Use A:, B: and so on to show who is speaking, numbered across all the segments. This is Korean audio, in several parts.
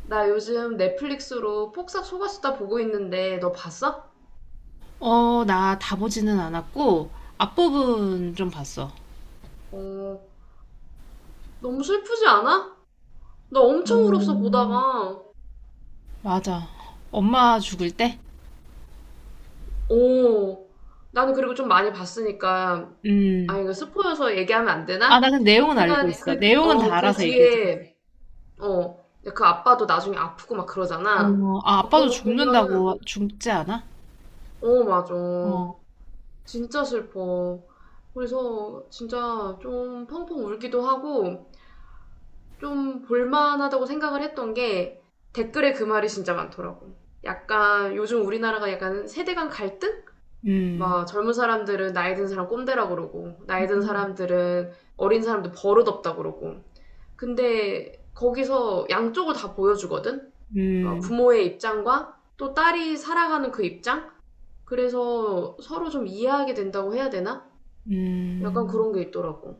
A: 나 요즘 넷플릭스로 폭삭 속았수다 보고 있는데 너 봤어?
B: 나 다 보지는 않았고, 앞부분 좀 봤어.
A: 어, 너무 슬프지 않아? 나 엄청 울었어 보다가.
B: 맞아. 엄마 죽을 때?
A: 어, 나는 그리고 좀 많이 봤으니까 아
B: 음.
A: 이거 스포여서 얘기하면 안 되나?
B: 나 그 내용은 알고
A: 하여간
B: 있어. 내용은 다
A: 그
B: 알아서 얘기해줘.
A: 뒤에 그 아빠도 나중에 아프고 막 그러잖아. 막
B: 아빠도
A: 그런 거 보면은
B: 죽는다고 죽지 않아?
A: 어, 맞아.
B: 어,
A: 진짜 슬퍼. 그래서 진짜 좀 펑펑 울기도 하고 좀 볼만하다고 생각을 했던 게 댓글에 그 말이 진짜 많더라고. 약간 요즘 우리나라가 약간 세대 간 갈등?
B: 음,
A: 막 젊은 사람들은 나이 든 사람 꼰대라 그러고 나이 든 사람들은 어린 사람들 버릇없다 그러고 근데 거기서 양쪽을 다 보여주거든? 그러니까
B: 음,
A: 부모의 입장과 또 딸이 살아가는 그 입장? 그래서 서로 좀 이해하게 된다고 해야 되나? 약간
B: 음.
A: 그런 게 있더라고.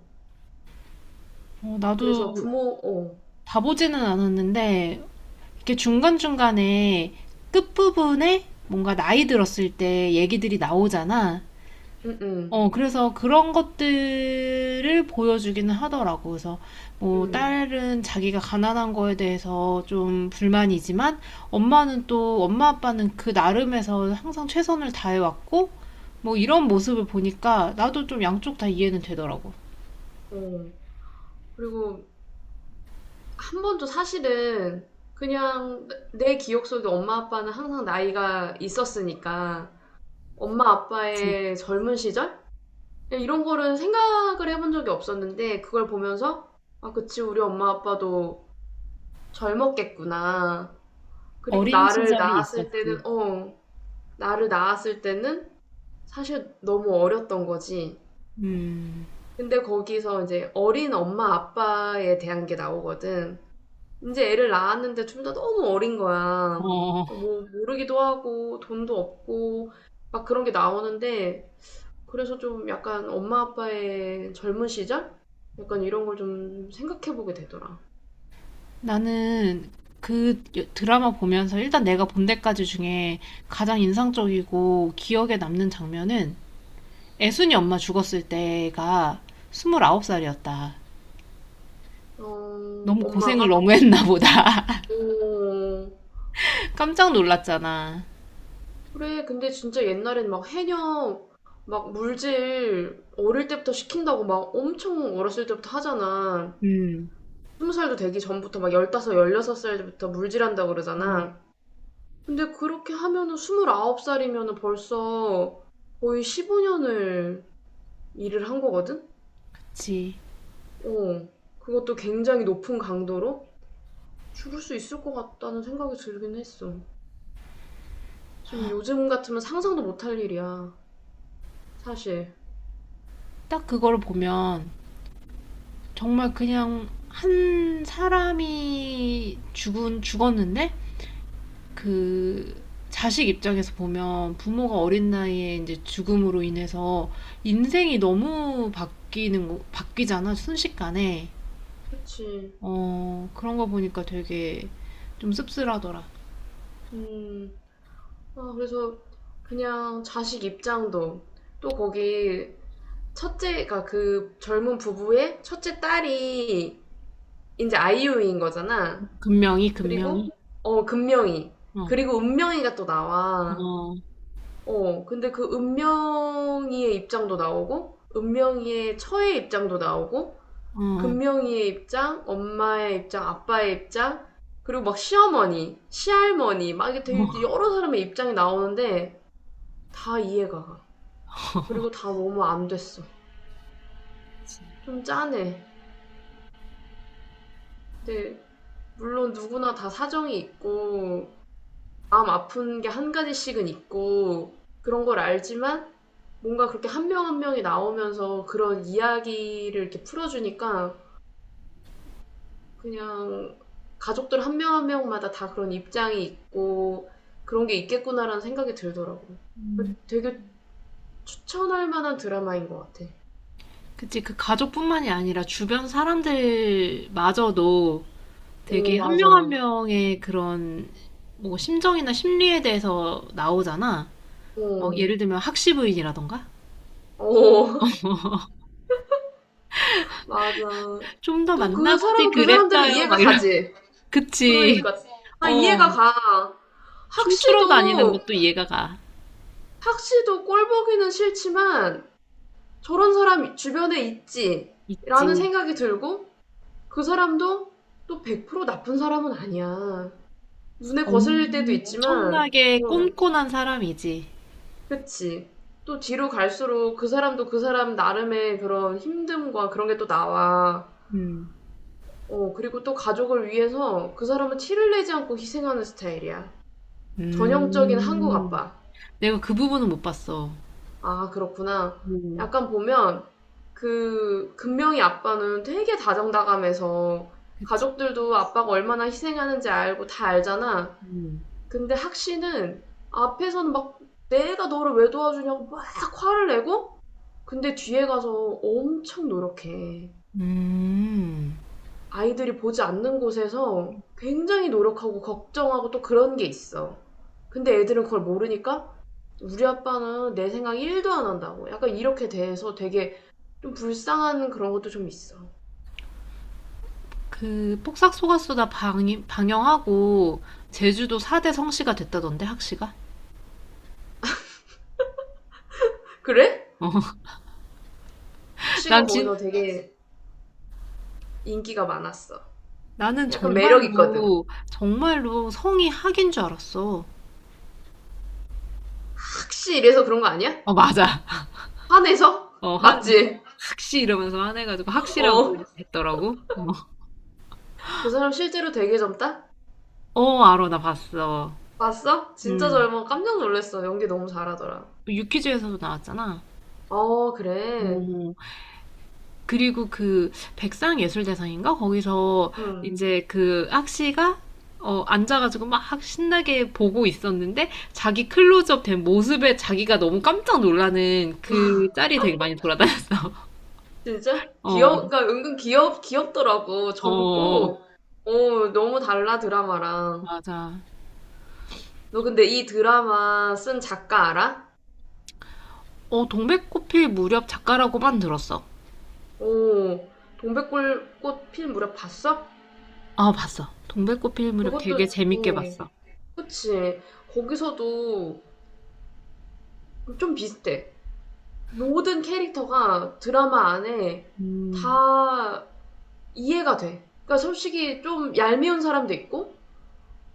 A: 그래서
B: 나도
A: 부모, 어,
B: 다 보지는 않았는데, 이렇게 중간중간에 끝부분에 뭔가 나이 들었을 때 얘기들이 나오잖아.
A: 응, 응,
B: 그래서 그런 것들을 보여주기는 하더라고. 그래서 뭐
A: 응,
B: 딸은 자기가 가난한 거에 대해서 좀 불만이지만 엄마 아빠는 그 나름에서 항상 최선을 다해왔고 뭐 이런 모습을 보니까 나도 좀 양쪽 다 이해는 되더라고.
A: 어. 그리고 한 번도 사실은 그냥 내 기억 속에 엄마 아빠는 항상 나이가 있었으니까 엄마
B: 그치.
A: 아빠의 젊은 시절? 이런 거를 생각을 해본 적이 없었는데 그걸 보면서 '아 그치. 우리 엄마 아빠도 젊었겠구나.' 그리고
B: 어린
A: 나를
B: 시절이
A: 낳았을
B: 있었지.
A: 때는 어 나를 낳았을 때는 사실 너무 어렸던 거지.
B: 음,
A: 근데 거기서 이제 어린 엄마 아빠에 대한 게 나오거든. 이제 애를 낳았는데 둘 다 너무 어린 거야.
B: 어,
A: 뭐 모르기도 하고 돈도 없고 막 그런 게 나오는데 그래서 좀 약간 엄마 아빠의 젊은 시절? 약간 이런 걸 좀 생각해 보게 되더라.
B: 나는 그 드라마 보면서 일단 내가 본 데까지 중에 가장 인상적이고 기억에 남는 장면은 애순이 엄마 죽었을 때가 29 살이었다.
A: 어,
B: 너무 고생을
A: 엄마가?
B: 너무 했나 보다.
A: 어,
B: 깜짝 놀랐잖아.
A: 그래. 근데 진짜 옛날엔 막 해녀 막 물질 어릴 때부터 시킨다고 막 엄청 어렸을 때부터 하잖아.
B: 음.
A: 스무 살도 되기 전부터 막 열다섯, 열여섯 살부터 물질한다고
B: 음.
A: 그러잖아. 근데 그렇게 하면은 29 살이면은 벌써 거의 15년을 일을 한 거거든?
B: 그치.
A: 어. 그것도 굉장히 높은 강도로 죽을 수 있을 것 같다는 생각이 들긴 했어. 지금 요즘 같으면 상상도 못할 일이야. 사실.
B: 딱 그걸 보면 정말 그냥 한 사람이 죽었는데 그 자식 입장에서 보면 부모가 어린 나이에 이제 죽음으로 인해서 인생이 너무 바뀌잖아. 순식간에.
A: 그치.
B: 그런 거 보니까 되게 좀 씁쓸하더라.
A: 음. 아, 그래서 그냥 자식 입장도 또 거기 첫째가 그 젊은 부부의 첫째 딸이 이제 아이유인 거잖아.
B: 금명이.
A: 그리고 어 금명이
B: 어어어.
A: 그리고 은명이가 또 나와
B: 어,
A: 어 근데 그 은명이의 입장도 나오고 은명이의 처의 입장도 나오고
B: 어,
A: 금명이의 입장 엄마의 입장 아빠의 입장 그리고 막 시어머니 시할머니 막 이게 되게
B: 어.
A: 여러 사람의 입장이 나오는데 다 이해가 가 그리고 다 너무 안 됐어
B: 그치.
A: 좀 짠해 근데 물론 누구나 다 사정이 있고 마음 아픈 게 한 가지씩은 있고 그런 걸 알지만 뭔가 그렇게 한 명 한 명이 나오면서 그런 이야기를 이렇게 풀어주니까 그냥 가족들 한 명 한 명마다 다 그런 입장이 있고 그런 게 있겠구나라는 생각이 들더라고.
B: 음.
A: 되게 추천할 만한 드라마인 것 같아.
B: 그치, 그 가족뿐만이 아니라 주변 사람들마저도
A: 어,
B: 되게 한 명 한
A: 맞아.
B: 명의 그런 뭐 심정이나 심리에 대해서 나오잖아. 막
A: 어,
B: 예를 들면 학시부인이라던가
A: 어, 맞아.
B: 좀 더
A: 또 그
B: 만나보지
A: 사람은 그 사람대로
B: 그랬어요
A: 이해가
B: 막 이런.
A: 가지.
B: 그치.
A: 그러니까. 다 이해가
B: 어.
A: 가.
B: 춤추러 다니는
A: 학시도
B: 것도 이해가 가.
A: 확실도 꼴 보기는 싫지만 저런 사람 주변에 있지라는
B: 있지.
A: 생각이 들고 그 사람도 또 100% 나쁜 사람은 아니야. 눈에 거슬릴 때도 있지만,
B: 엄청나게
A: 어,
B: 꼼꼼한 사람이지.
A: 그치. 또 뒤로 갈수록 그 사람도 그 사람 나름의 그런 힘듦과 그런 게 또 나와.
B: 음.
A: 어, 그리고 또 가족을 위해서 그 사람은 티를 내지 않고 희생하는 스타일이야. 전형적인 한국
B: 음.
A: 아빠.
B: 내가 그 부분은 못 봤어.
A: 아, 그렇구나.
B: 음,
A: 약간 보면 그 금명이 아빠는 되게 다정다감해서
B: 그치.
A: 가족들도 아빠가 얼마나 희생하는지 알고 다 알잖아.
B: 음.
A: 근데 학시는 앞에서는 막 내가 너를 왜 도와주냐고 막 화를 내고 근데 뒤에 가서 엄청 노력해.
B: 음.
A: 아이들이 보지 않는 곳에서 굉장히 노력하고 걱정하고 또 그런 게 있어. 근데 애들은 그걸 모르니까 우리 아빠는 내 생각 1도 안 한다고. 약간 이렇게 돼서 되게 좀 불쌍한 그런 것도 좀 있어.
B: 그 폭삭 속았수다 방, 방영하고 제주도 4대 성씨가 됐다던데 학씨가?
A: 그래?
B: 어.
A: 학시가
B: 난 진,
A: 거기서 되게 인기가 많았어.
B: 나는
A: 약간 매력 있거든.
B: 정말로 정말로 성이 학인 줄 알았어.
A: 학시 이래서 그런 거 아니야?
B: 어 맞아.
A: 화내서?
B: 어 한,
A: 맞지?
B: 학씨 이러면서 화내가지고 학씨라고
A: 어.
B: 했더라고. 어,
A: 그 사람 실제로 되게 젊다?
B: 어 알어 나 봤어.
A: 봤어? 진짜
B: 음.
A: 젊어. 깜짝 놀랐어. 연기 너무 잘하더라.
B: 유퀴즈에서도 나왔잖아.
A: 어, 그래.
B: 음. 그리고 그 백상예술대상인가? 거기서
A: 응.
B: 이제 그 악시가 앉아가지고 막 신나게 보고 있었는데 자기 클로즈업 된 모습에 자기가 너무 깜짝 놀라는 그 짤이 되게 많이 돌아다녔어.
A: 진짜?
B: 어,
A: 귀여, 그러니까 은근 귀엽, 귀엽더라고.
B: 어,
A: 젊고, 어, 너무 달라, 드라마랑.
B: 맞아.
A: 너 근데 이 드라마 쓴 작가 알아?
B: 동백꽃필 무렵 작가라고만 들었어.
A: 오, 동백꽃 필 무렵 봤어?
B: 봤어. 동백꽃필 무렵
A: 그것도,
B: 되게 재밌게
A: 어,
B: 봤어.
A: 그치. 거기서도 좀 비슷해. 모든 캐릭터가 드라마 안에
B: 음,
A: 다 이해가 돼. 그러니까 솔직히 좀 얄미운 사람도 있고,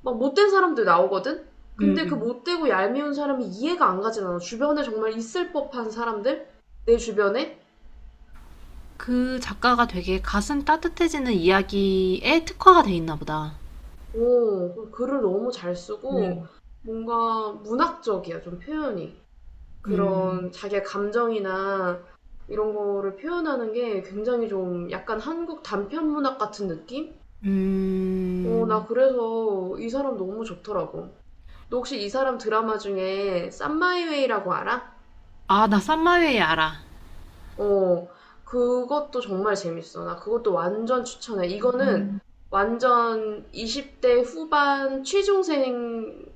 A: 막 못된 사람들 나오거든?
B: 음,
A: 근데 그
B: 음.
A: 못되고 얄미운 사람이 이해가 안 가진 않아. 주변에 정말 있을 법한 사람들? 내 주변에?
B: 그 작가가 되게 가슴 따뜻해지는 이야기에 특화가 돼 있나 보다.
A: 오, 글을 너무 잘 쓰고,
B: 음.
A: 뭔가 문학적이야, 좀 표현이.
B: 음,
A: 그런 자기의 감정이나 이런 거를 표현하는 게 굉장히 좀 약간 한국 단편 문학 같은 느낌? 어,
B: 음,
A: 나 그래서 이 사람 너무 좋더라고. 너 혹시 이 사람 드라마 중에 썸마이웨이라고 알아?
B: 나 쌈마웨이 알아.
A: 어, 그것도 정말 재밌어. 나 그것도 완전 추천해. 이거는 완전 20대 후반 취중생용?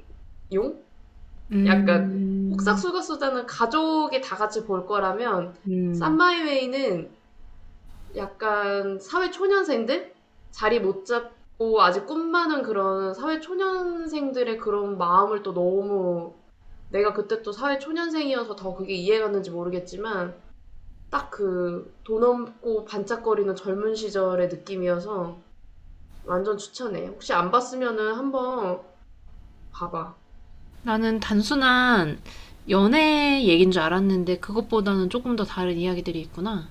A: 약간 폭삭
B: 음,
A: 수가수다는 가족이 다 같이 볼 거라면
B: 음.
A: 쌈마이웨이는 약간 사회 초년생들? 자리 못 잡고 아직 꿈 많은 그런 사회 초년생들의 그런 마음을 또 너무 내가 그때 또 사회 초년생이어서 더 그게 이해갔는지 모르겠지만 딱 그 돈 없고 반짝거리는 젊은 시절의 느낌이어서 완전 추천해. 혹시 안 봤으면은 한번 봐봐.
B: 나는 단순한 연애 얘기인 줄 알았는데 그것보다는 조금 더 다른 이야기들이 있구나.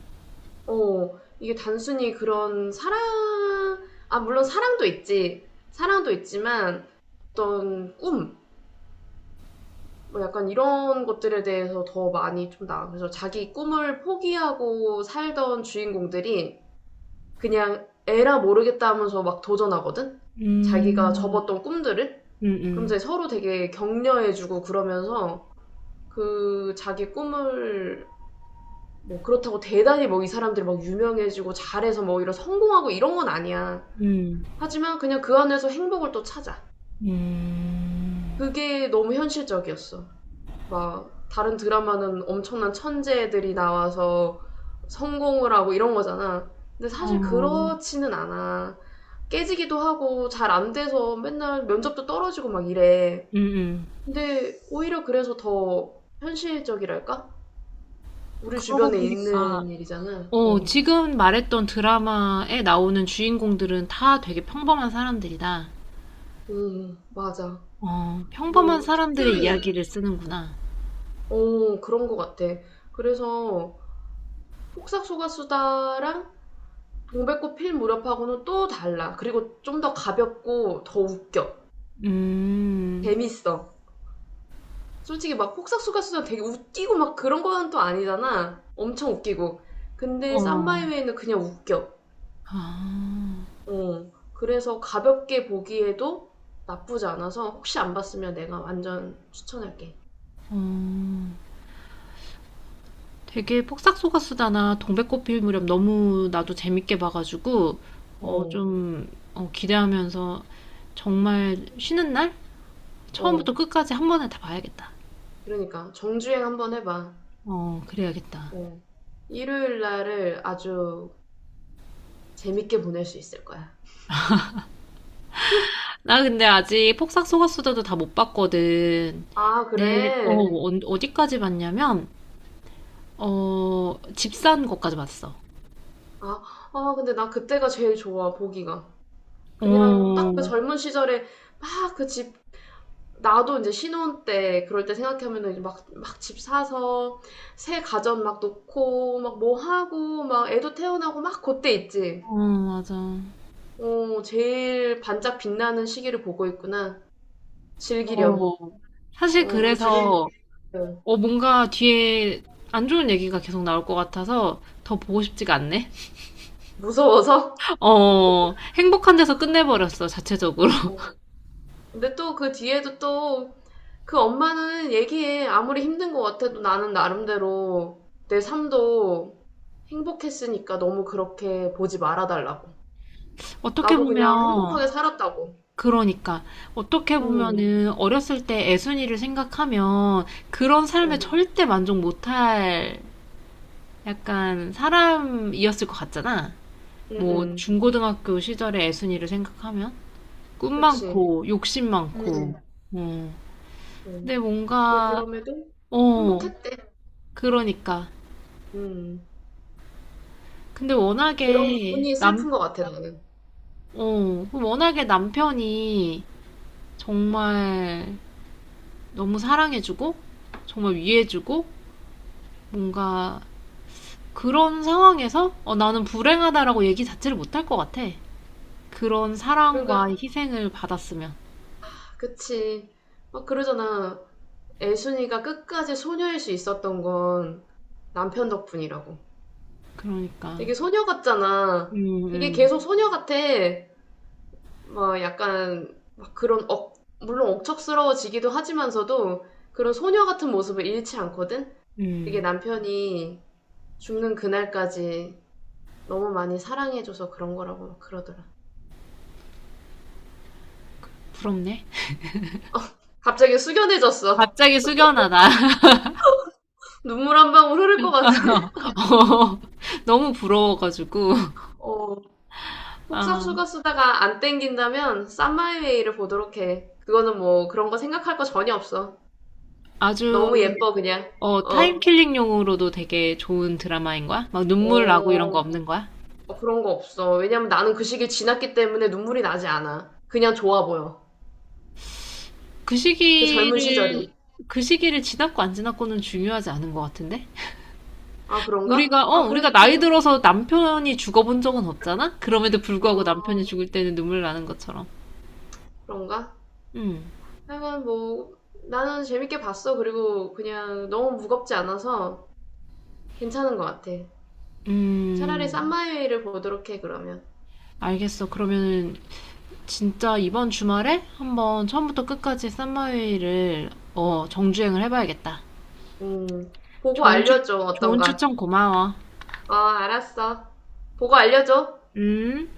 A: 어, 이게 단순히 그런 사랑, 아, 물론 사랑도 있지. 사랑도 있지만 어떤 꿈, 뭐 약간 이런 것들에 대해서 더 많이 좀 나와. 그래서 자기 꿈을 포기하고 살던 주인공들이 그냥 에라 모르겠다 하면서 막 도전하거든? 자기가
B: 음,
A: 접었던 꿈들을?
B: 음,
A: 그럼
B: 음,
A: 이제 서로 되게 격려해주고 그러면서 그 자기 꿈을 뭐 그렇다고 대단히 뭐 이 사람들이 막 유명해지고 잘해서 뭐 이런 성공하고 이런 건 아니야.
B: 음,
A: 하지만 그냥 그 안에서 행복을 또 찾아.
B: 음,
A: 그게 너무 현실적이었어. 막 다른 드라마는 엄청난 천재들이 나와서 성공을 하고 이런 거잖아. 근데
B: 어,
A: 사실 그렇지는 않아. 깨지기도 하고 잘 안 돼서 맨날 면접도 떨어지고 막 이래.
B: 음.
A: 근데 오히려 그래서 더 현실적이랄까? 우리
B: 그러고
A: 주변에
B: 보니까,
A: 있는 일이잖아. 어.
B: 지금 말했던 드라마에 나오는 주인공들은 다 되게 평범한 사람들이다.
A: 맞아.
B: 평범한
A: 뭐,
B: 사람들의
A: 특별히,
B: 이야기를 쓰는구나.
A: 어, 그런 것 같아. 그래서 폭삭소가수다랑 동백꽃 필 무렵하고는 또 달라. 그리고 좀 더 가볍고 더 웃겨.
B: 음.
A: 재밌어. 솔직히 막 폭삭소가수다 되게 웃기고 막 그런 거는 또 아니잖아. 엄청 웃기고. 근데
B: 어.
A: 쌈마이웨이는 그냥 웃겨.
B: 아,
A: 어, 그래서 가볍게 보기에도 나쁘지 않아서 혹시 안 봤으면 내가 완전 추천할게.
B: 어. 되게 폭삭소가수다나 동백꽃 필 무렵 너무 나도 재밌게 봐가지고, 어,
A: 어,
B: 좀, 기대하면서 정말 쉬는 날?
A: 어.
B: 처음부터 끝까지 한 번에 다 봐야겠다.
A: 그러니까 정주행 한번 해봐.
B: 그래야겠다.
A: 어. 일요일 날을 아주 재밌게 보낼 수 있을 거야.
B: 나 근데 아직 폭삭소가수다도 다 못 봤거든.
A: 아, 그래?
B: 어디까지 봤냐면, 집산 것까지 봤어.
A: 아, 아, 근데 나 그때가 제일 좋아, 보기가. 그냥
B: 어,
A: 딱 그 젊은 시절에 막그집 나도 이제 신혼 때 그럴 때 생각하면은 막 집 사서 새 가전 막 놓고 막 뭐 하고 막 애도 태어나고 막 그때 있지.
B: 어, 맞아.
A: 어, 제일 반짝 빛나는 시기를 보고 있구나. 즐기렴.
B: 어. 사실
A: 어, 그 뒤로는
B: 그래서
A: 어,
B: 뭔가 뒤에 안 좋은 얘기가 계속 나올 것 같아서 더 보고 싶지가 않네.
A: 무서워서.
B: 행복한 데서 끝내버렸어, 자체적으로.
A: 근데 또 그 뒤에도 또 그 엄마는 얘기해. 아무리 힘든 것 같아도 나는 나름대로 내 삶도 행복했으니까 너무 그렇게 보지 말아달라고.
B: 어떻게
A: 나도 그냥
B: 보면,
A: 행복하게 살았다고.
B: 그러니까, 어떻게
A: 음.
B: 보면은 어렸을 때 애순이를 생각하면 그런 삶에
A: 어.
B: 절대 만족 못할 약간 사람이었을 것 같잖아. 뭐,
A: 음음.
B: 중고등학교 시절의 애순이를 생각하면 꿈
A: 그치.
B: 많고, 욕심
A: 음.
B: 많고, 어.
A: 음.
B: 근데
A: 근데
B: 뭔가,
A: 그럼에도
B: 어,
A: 행복했대.
B: 그러니까.
A: 음.
B: 근데
A: 그런
B: 워낙에
A: 부분이
B: 남,
A: 슬픈 것 같아, 나는.
B: 어, 그럼 워낙에 남편이 정말 너무 사랑해주고, 정말 위해주고, 뭔가 그런 상황에서 나는 불행하다라고 얘기 자체를 못 할 것 같아. 그런 사랑과
A: 그러니까,
B: 희생을 받았으면.
A: 그치. 막 그러잖아. 애순이가 끝까지 소녀일 수 있었던 건 남편 덕분이라고.
B: 그러니까.
A: 되게 소녀 같잖아.
B: 음,
A: 되게
B: 음,
A: 계속 소녀 같아. 막 약간, 막 그런 억, 물론 억척스러워지기도 하지만서도 그런 소녀 같은 모습을 잃지 않거든? 되게
B: 음.
A: 남편이 죽는 그날까지 너무 많이 사랑해줘서 그런 거라고 그러더라.
B: 부럽네.
A: 갑자기 숙연해졌어.
B: 갑자기 숙연하다.
A: 눈물 한 방울 흐를 것 같아.
B: 어, 너무 부러워가지고.
A: 어, 폭삭
B: 아,
A: 수가 쓰다가 안 땡긴다면 쌈마이웨이를 보도록 해. 그거는 뭐 그런 거 생각할 거 전혀 없어.
B: 아주,
A: 너무 예뻐 그냥. 어.
B: 타임킬링용으로도 되게 좋은 드라마인 거야? 막 눈물 나고 이런 거
A: 어,
B: 없는 거야?
A: 어, 그런 거 없어. 왜냐면 나는 그 시기를 지났기 때문에 눈물이 나지 않아. 그냥 좋아 보여.
B: 그
A: 그 젊은
B: 시기를,
A: 시절이.
B: 그 시기를 지났고 안 지났고는 중요하지 않은 것 같은데?
A: 아, 그런가? 아,
B: 우리가
A: 그래도 또,
B: 나이 들어서 남편이 죽어본 적은 없잖아? 그럼에도 불구하고 남편이
A: 어,
B: 죽을 때는 눈물 나는 것처럼.
A: 그런가?
B: 음,
A: 하여간 뭐 나는 재밌게 봤어. 그리고 그냥 너무 무겁지 않아서 괜찮은 것 같아. 차라리
B: 음,
A: 쌈마이웨이를 보도록 해, 그러면.
B: 알겠어. 그러면은 진짜 이번 주말에 한번 처음부터 끝까지 썸머웨이를 정주행을 해봐야겠다.
A: 음, 보고
B: 좋은 추,
A: 알려줘,
B: 좋은
A: 어떤가.
B: 추천 고마워.
A: 어, 알았어. 보고 알려줘.
B: 음.